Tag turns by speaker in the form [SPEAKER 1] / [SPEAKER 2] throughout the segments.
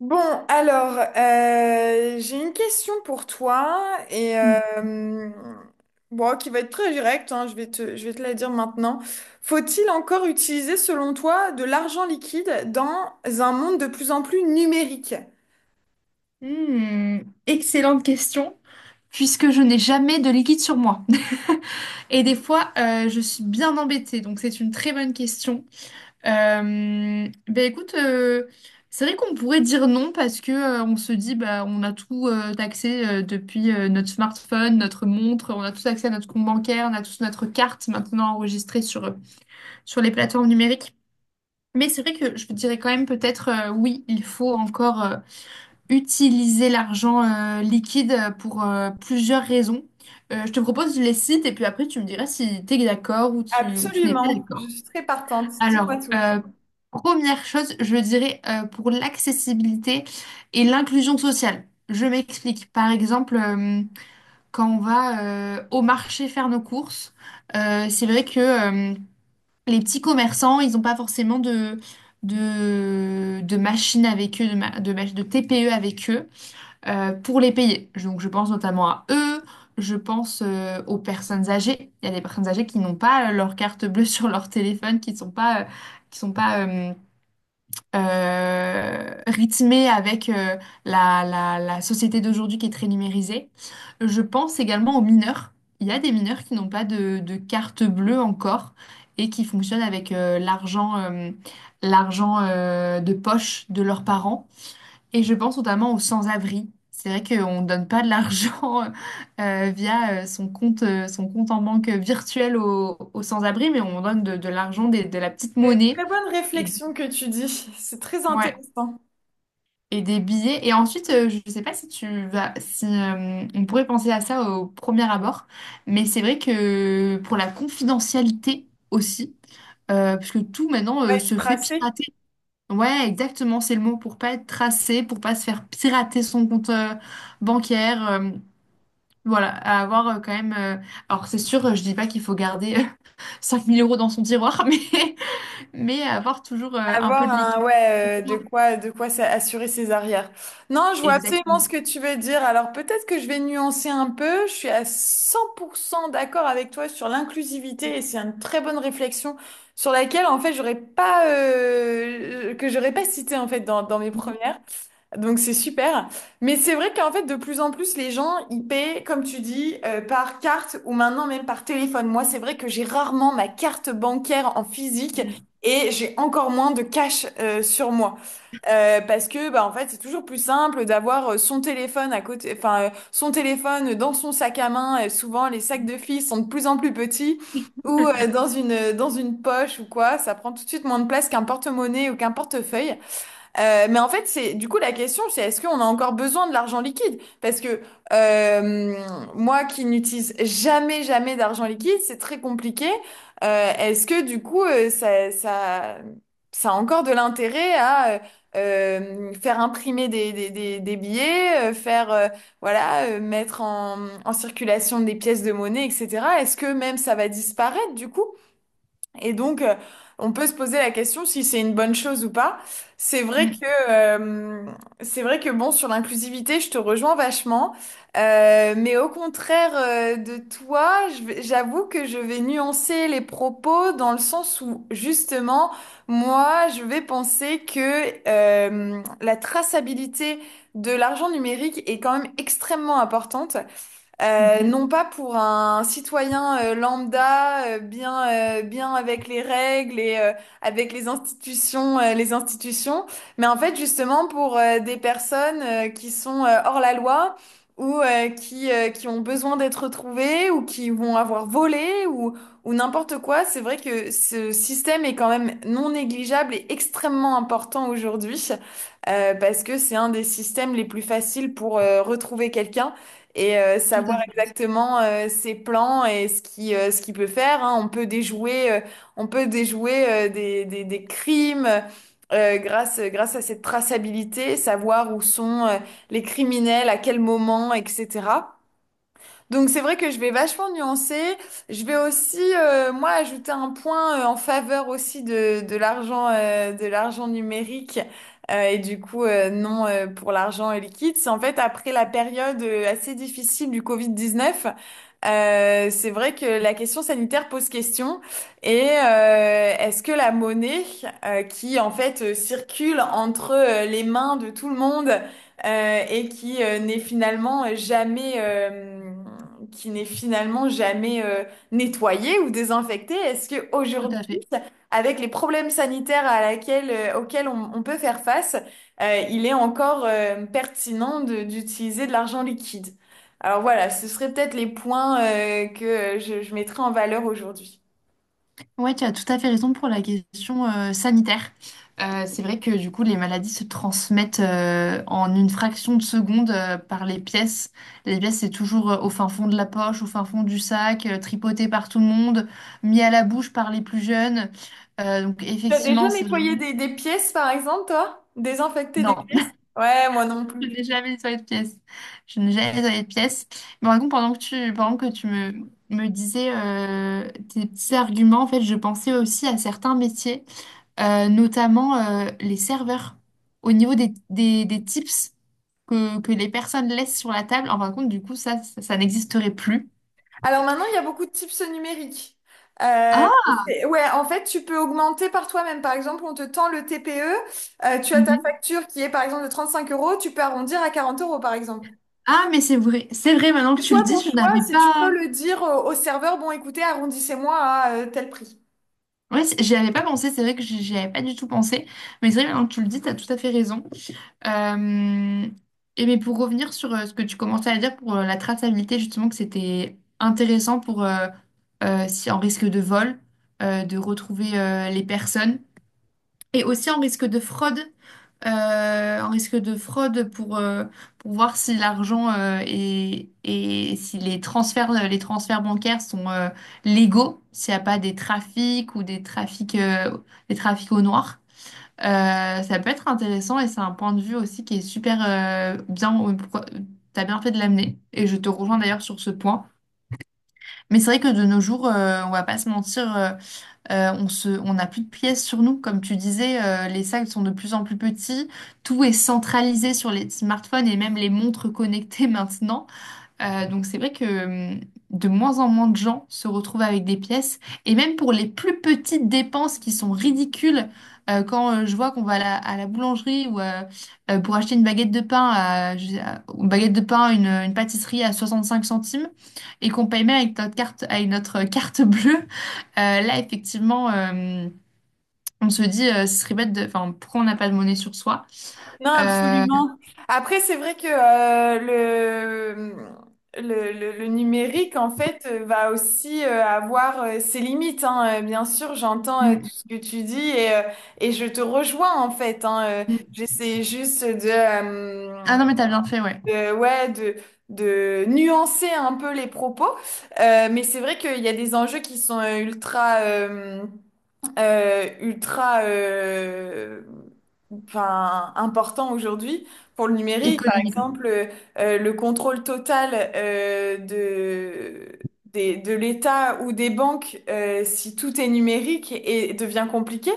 [SPEAKER 1] Bon, alors, j'ai une question pour toi et euh, bon, qui va être très directe, hein, je vais te la dire maintenant. Faut-il encore utiliser, selon toi, de l'argent liquide dans un monde de plus en plus numérique?
[SPEAKER 2] Hmm, excellente question, puisque je n'ai jamais de liquide sur moi. Et des fois, je suis bien embêtée, donc c'est une très bonne question. Ben écoute, c'est vrai qu'on pourrait dire non parce que on se dit bah on a tout accès depuis notre smartphone, notre montre, on a tous accès à notre compte bancaire, on a tous notre carte maintenant enregistrée sur les plateformes numériques. Mais c'est vrai que je dirais quand même peut-être oui, il faut encore utiliser l'argent liquide pour plusieurs raisons. Je te propose, je les cite et puis après tu me diras si tu es d'accord ou tu n'es pas
[SPEAKER 1] Absolument, je
[SPEAKER 2] d'accord.
[SPEAKER 1] suis très partante.
[SPEAKER 2] Alors,
[SPEAKER 1] Dis-moi tout.
[SPEAKER 2] euh, première chose, je dirais pour l'accessibilité et l'inclusion sociale. Je m'explique. Par exemple, quand on va au marché faire nos courses, c'est vrai que les petits commerçants, ils n'ont pas forcément de machines avec eux, de, ma- de, mach- de TPE avec eux pour les payer. Donc je pense notamment à eux, je pense aux personnes âgées. Il y a des personnes âgées qui n'ont pas leur carte bleue sur leur téléphone, qui sont pas rythmées avec la société d'aujourd'hui qui est très numérisée. Je pense également aux mineurs. Il y a des mineurs qui n'ont pas de carte bleue encore et qui fonctionnent avec l'argent de poche de leurs parents. Et je pense notamment aux sans-abri. C'est vrai qu'on ne donne pas de l'argent via son compte en banque virtuel aux sans-abri, mais on donne de l'argent, de la petite
[SPEAKER 1] C'est une
[SPEAKER 2] monnaie.
[SPEAKER 1] très bonne
[SPEAKER 2] et,
[SPEAKER 1] réflexion que tu dis, c'est très
[SPEAKER 2] ouais,
[SPEAKER 1] intéressant.
[SPEAKER 2] et des billets. Et ensuite, je ne sais pas si tu vas, si on pourrait penser à ça au premier abord, mais c'est vrai que pour la confidentialité aussi, puisque tout maintenant
[SPEAKER 1] On va être
[SPEAKER 2] se fait
[SPEAKER 1] tracé.
[SPEAKER 2] pirater. Ouais, exactement, c'est le mot pour pas être tracé, pour pas se faire pirater son compte bancaire. Voilà, à avoir quand même. Alors, c'est sûr, je dis pas qu'il faut garder 5 000 € dans son tiroir, mais avoir toujours un peu
[SPEAKER 1] Avoir
[SPEAKER 2] de
[SPEAKER 1] un,
[SPEAKER 2] liquide.
[SPEAKER 1] ouais, de quoi, assurer ses arrières. Non, je vois absolument ce
[SPEAKER 2] Exactement.
[SPEAKER 1] que tu veux dire. Alors peut-être que je vais nuancer un peu. Je suis à 100% d'accord avec toi sur l'inclusivité, et c'est une très bonne réflexion sur laquelle, en fait, j'aurais pas, que j'aurais pas cité, en fait, dans mes premières. Donc c'est super. Mais c'est vrai qu'en fait, de plus en plus, les gens, ils paient, comme tu dis, par carte ou maintenant même par téléphone. Moi, c'est vrai que j'ai rarement ma carte bancaire en physique,
[SPEAKER 2] Mhm. Mhm.
[SPEAKER 1] et j'ai encore moins de cash sur moi. Parce que bah en fait c'est toujours plus simple d'avoir son téléphone à côté, enfin son téléphone dans son sac à main, et souvent les sacs de filles sont de plus en plus petits, ou dans une poche ou quoi, ça prend tout de suite moins de place qu'un porte-monnaie ou qu'un portefeuille. Mais en fait, c'est du coup la question, c'est est-ce qu'on a encore besoin de l'argent liquide? Parce que euh, moi qui n'utilise jamais d'argent liquide, c'est très compliqué. Est-ce que du coup, ça a encore de l'intérêt à faire imprimer des billets, faire voilà, mettre en circulation des pièces de monnaie, etc. Est-ce que même ça va disparaître du coup? Et donc, on peut se poser la question si c'est une bonne chose ou pas. C'est vrai que, euh, c'est vrai que bon, sur l'inclusivité, je te rejoins vachement. Mais au contraire, de toi, j'avoue que je vais nuancer les propos dans le sens où, justement, moi, je vais penser que, la traçabilité de l'argent numérique est quand même extrêmement importante.
[SPEAKER 2] Mhm.
[SPEAKER 1] Non pas pour un citoyen lambda, bien avec les règles avec les institutions, mais en fait justement pour des personnes qui sont hors la loi, ou qui ont besoin d'être retrouvées, ou qui vont avoir volé, ou n'importe quoi. C'est vrai que ce système est quand même non négligeable et extrêmement important aujourd'hui, parce que c'est un des systèmes les plus faciles pour retrouver quelqu'un
[SPEAKER 2] Tout à
[SPEAKER 1] savoir
[SPEAKER 2] fait,
[SPEAKER 1] exactement ses plans et ce qui ce qu'il peut faire, hein. On peut déjouer des crimes grâce à cette traçabilité, savoir où sont les criminels, à quel moment, etc. Donc c'est vrai que je vais vachement nuancer. Je vais aussi, moi, ajouter un point en faveur aussi de l'argent numérique. Et du coup, non pour l'argent liquide. C'est en fait après la période assez difficile du Covid-19. C'est vrai que la question sanitaire pose question. Est-ce que la monnaie qui en fait circule entre les mains de tout le monde, et qui n'est finalement jamais qui n'est finalement jamais nettoyée ou désinfectée, est-ce que
[SPEAKER 2] tout
[SPEAKER 1] aujourd'hui,
[SPEAKER 2] à fait.
[SPEAKER 1] avec les problèmes sanitaires à laquelle, auxquels on peut faire face, il est encore pertinent d'utiliser de l'argent liquide? Alors voilà, ce seraient peut-être les points que je mettrais en valeur aujourd'hui.
[SPEAKER 2] Ouais, tu as tout à fait raison pour la question sanitaire. C'est vrai que du coup, les maladies se transmettent en une fraction de seconde par les pièces. Les pièces, c'est toujours au fin fond de la poche, au fin fond du sac, tripoté par tout le monde, mis à la bouche par les plus jeunes. Donc
[SPEAKER 1] T'as
[SPEAKER 2] effectivement,
[SPEAKER 1] déjà
[SPEAKER 2] c'est
[SPEAKER 1] nettoyé
[SPEAKER 2] vraiment.
[SPEAKER 1] des pièces, par exemple, toi? Désinfecté des
[SPEAKER 2] Non,
[SPEAKER 1] pièces? Ouais, moi non
[SPEAKER 2] je
[SPEAKER 1] plus.
[SPEAKER 2] n'ai jamais nettoyé de pièce. Je n'ai jamais nettoyé de pièce. Mais par contre, pendant que tu me disais tes petits arguments, en fait, je pensais aussi à certains métiers, notamment les serveurs. Au niveau des tips que les personnes laissent sur la table, en fin de compte, du coup, ça n'existerait plus.
[SPEAKER 1] Alors maintenant, il y a beaucoup de tips numériques. Euh,
[SPEAKER 2] Ah.
[SPEAKER 1] ouais, en fait, tu peux augmenter par toi-même. Par exemple, on te tend le TPE, tu as ta
[SPEAKER 2] Mhm.
[SPEAKER 1] facture qui est par exemple de 35 euros, tu peux arrondir à 40 euros, par exemple.
[SPEAKER 2] Ah, mais c'est vrai. C'est vrai, maintenant que
[SPEAKER 1] C'est
[SPEAKER 2] tu le
[SPEAKER 1] toi ton
[SPEAKER 2] dis, je
[SPEAKER 1] choix,
[SPEAKER 2] n'avais
[SPEAKER 1] si tu peux
[SPEAKER 2] pas.
[SPEAKER 1] le dire au, au serveur, bon écoutez, arrondissez-moi à tel prix.
[SPEAKER 2] Ouais, j'y avais pas pensé. C'est vrai que j'y avais pas du tout pensé. Mais c'est vrai, maintenant que tu le dis, tu as tout à fait raison. Euh, et mais pour revenir sur ce que tu commençais à dire pour la traçabilité, justement, que c'était intéressant pour si en risque de vol, de retrouver les personnes, et aussi en risque de fraude, euh, en risque de fraude pour, euh, pour voir si l'argent est- et si les transferts bancaires sont légaux, s'il n'y a pas des trafics au noir. Ça peut être intéressant et c'est un point de vue aussi qui est super bien. T'as bien fait de l'amener et je te rejoins d'ailleurs sur ce point. Mais c'est vrai que de nos jours, on va pas se mentir, on n'a plus de pièces sur nous. Comme tu disais, les sacs sont de plus en plus petits. Tout est centralisé sur les smartphones et même les montres connectées maintenant. Donc c'est vrai que hum, de moins en moins de gens se retrouvent avec des pièces. Et même pour les plus petites dépenses qui sont ridicules, quand je vois qu'on va à la boulangerie ou pour acheter une baguette de pain, à, je sais- à- une baguette de pain, une pâtisserie à 65 centimes, et qu'on paye même avec notre carte, avec notre carte bleue, là effectivement, on se dit, ce serait bête de. Enfin, pourquoi on n'a pas de monnaie sur soi?
[SPEAKER 1] Non,
[SPEAKER 2] Euh,
[SPEAKER 1] absolument. Après, c'est vrai que le, le numérique, en fait, va aussi avoir ses limites, hein. Bien sûr, j'entends tout
[SPEAKER 2] hum,
[SPEAKER 1] ce que tu dis, et je te rejoins, en fait, hein.
[SPEAKER 2] hum.
[SPEAKER 1] J'essaie juste de,
[SPEAKER 2] Ah non, mais t'as bien fait, ouais.
[SPEAKER 1] ouais, de nuancer un peu les propos. Mais c'est vrai qu'il y a des enjeux qui sont ultra enfin, important aujourd'hui pour le numérique. Par
[SPEAKER 2] Économiquement,
[SPEAKER 1] exemple, le contrôle total de l'État ou des banques, si tout est numérique, et devient compliqué.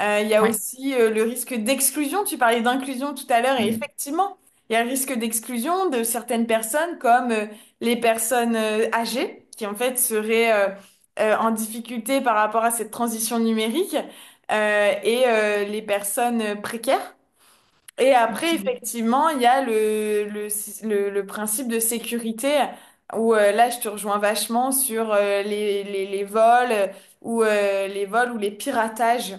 [SPEAKER 1] Il y a
[SPEAKER 2] ouais.
[SPEAKER 1] aussi le risque d'exclusion. Tu parlais d'inclusion tout à l'heure et
[SPEAKER 2] Hum.
[SPEAKER 1] effectivement, il y a le risque d'exclusion de certaines personnes comme les personnes âgées qui en fait seraient en difficulté par rapport à cette transition numérique, les personnes précaires. Et après, effectivement, il y a le principe de sécurité où là, je te rejoins vachement sur les vols, ou les vols ou les piratages.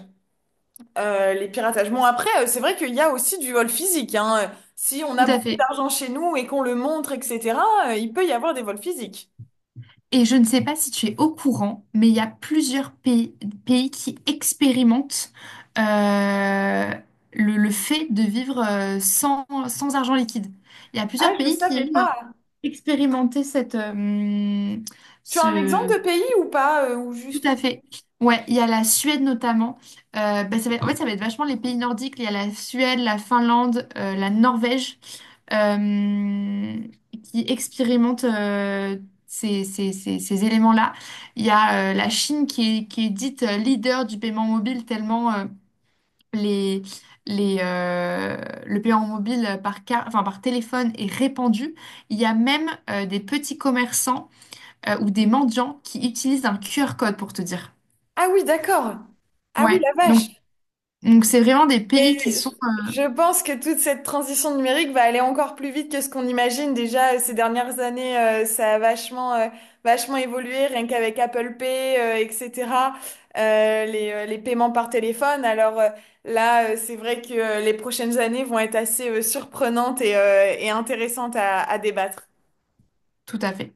[SPEAKER 1] Les piratages. Bon, après, c'est vrai qu'il y a aussi du vol physique, hein. Si on
[SPEAKER 2] Tout
[SPEAKER 1] a
[SPEAKER 2] à
[SPEAKER 1] beaucoup
[SPEAKER 2] fait.
[SPEAKER 1] d'argent chez nous et qu'on le montre, etc., il peut y avoir des vols physiques.
[SPEAKER 2] Et je ne sais pas si tu es au courant, mais il y a plusieurs pays qui expérimentent euh, le fait de vivre sans argent liquide. Il y a
[SPEAKER 1] Ah,
[SPEAKER 2] plusieurs
[SPEAKER 1] je
[SPEAKER 2] pays
[SPEAKER 1] savais
[SPEAKER 2] qui ont
[SPEAKER 1] pas.
[SPEAKER 2] expérimenté
[SPEAKER 1] Tu as un exemple
[SPEAKER 2] ce.
[SPEAKER 1] de pays ou pas, ou
[SPEAKER 2] Tout
[SPEAKER 1] juste...
[SPEAKER 2] à fait. Ouais, il y a la Suède notamment. Bah, en fait, ça va être vachement les pays nordiques. Il y a la Suède, la Finlande, la Norvège. euh, qui expérimentent ces éléments-là. Il y a la Chine qui est dite leader du paiement mobile tellement les, les, euh, le paiement mobile enfin, par téléphone est répandu. Il y a même des petits commerçants ou des mendiants qui utilisent un QR code pour te dire.
[SPEAKER 1] Ah oui, d'accord. Ah oui,
[SPEAKER 2] Ouais,
[SPEAKER 1] la
[SPEAKER 2] donc
[SPEAKER 1] vache.
[SPEAKER 2] donc c'est vraiment des
[SPEAKER 1] Mais
[SPEAKER 2] pays qui sont.
[SPEAKER 1] je je pense que toute cette transition numérique va aller encore plus vite que ce qu'on imagine. Déjà, ces dernières années, ça a vachement évolué, rien qu'avec Apple Pay, etc., les paiements par téléphone. Alors c'est vrai que les prochaines années vont être assez surprenantes et intéressantes à débattre.
[SPEAKER 2] Tout à fait.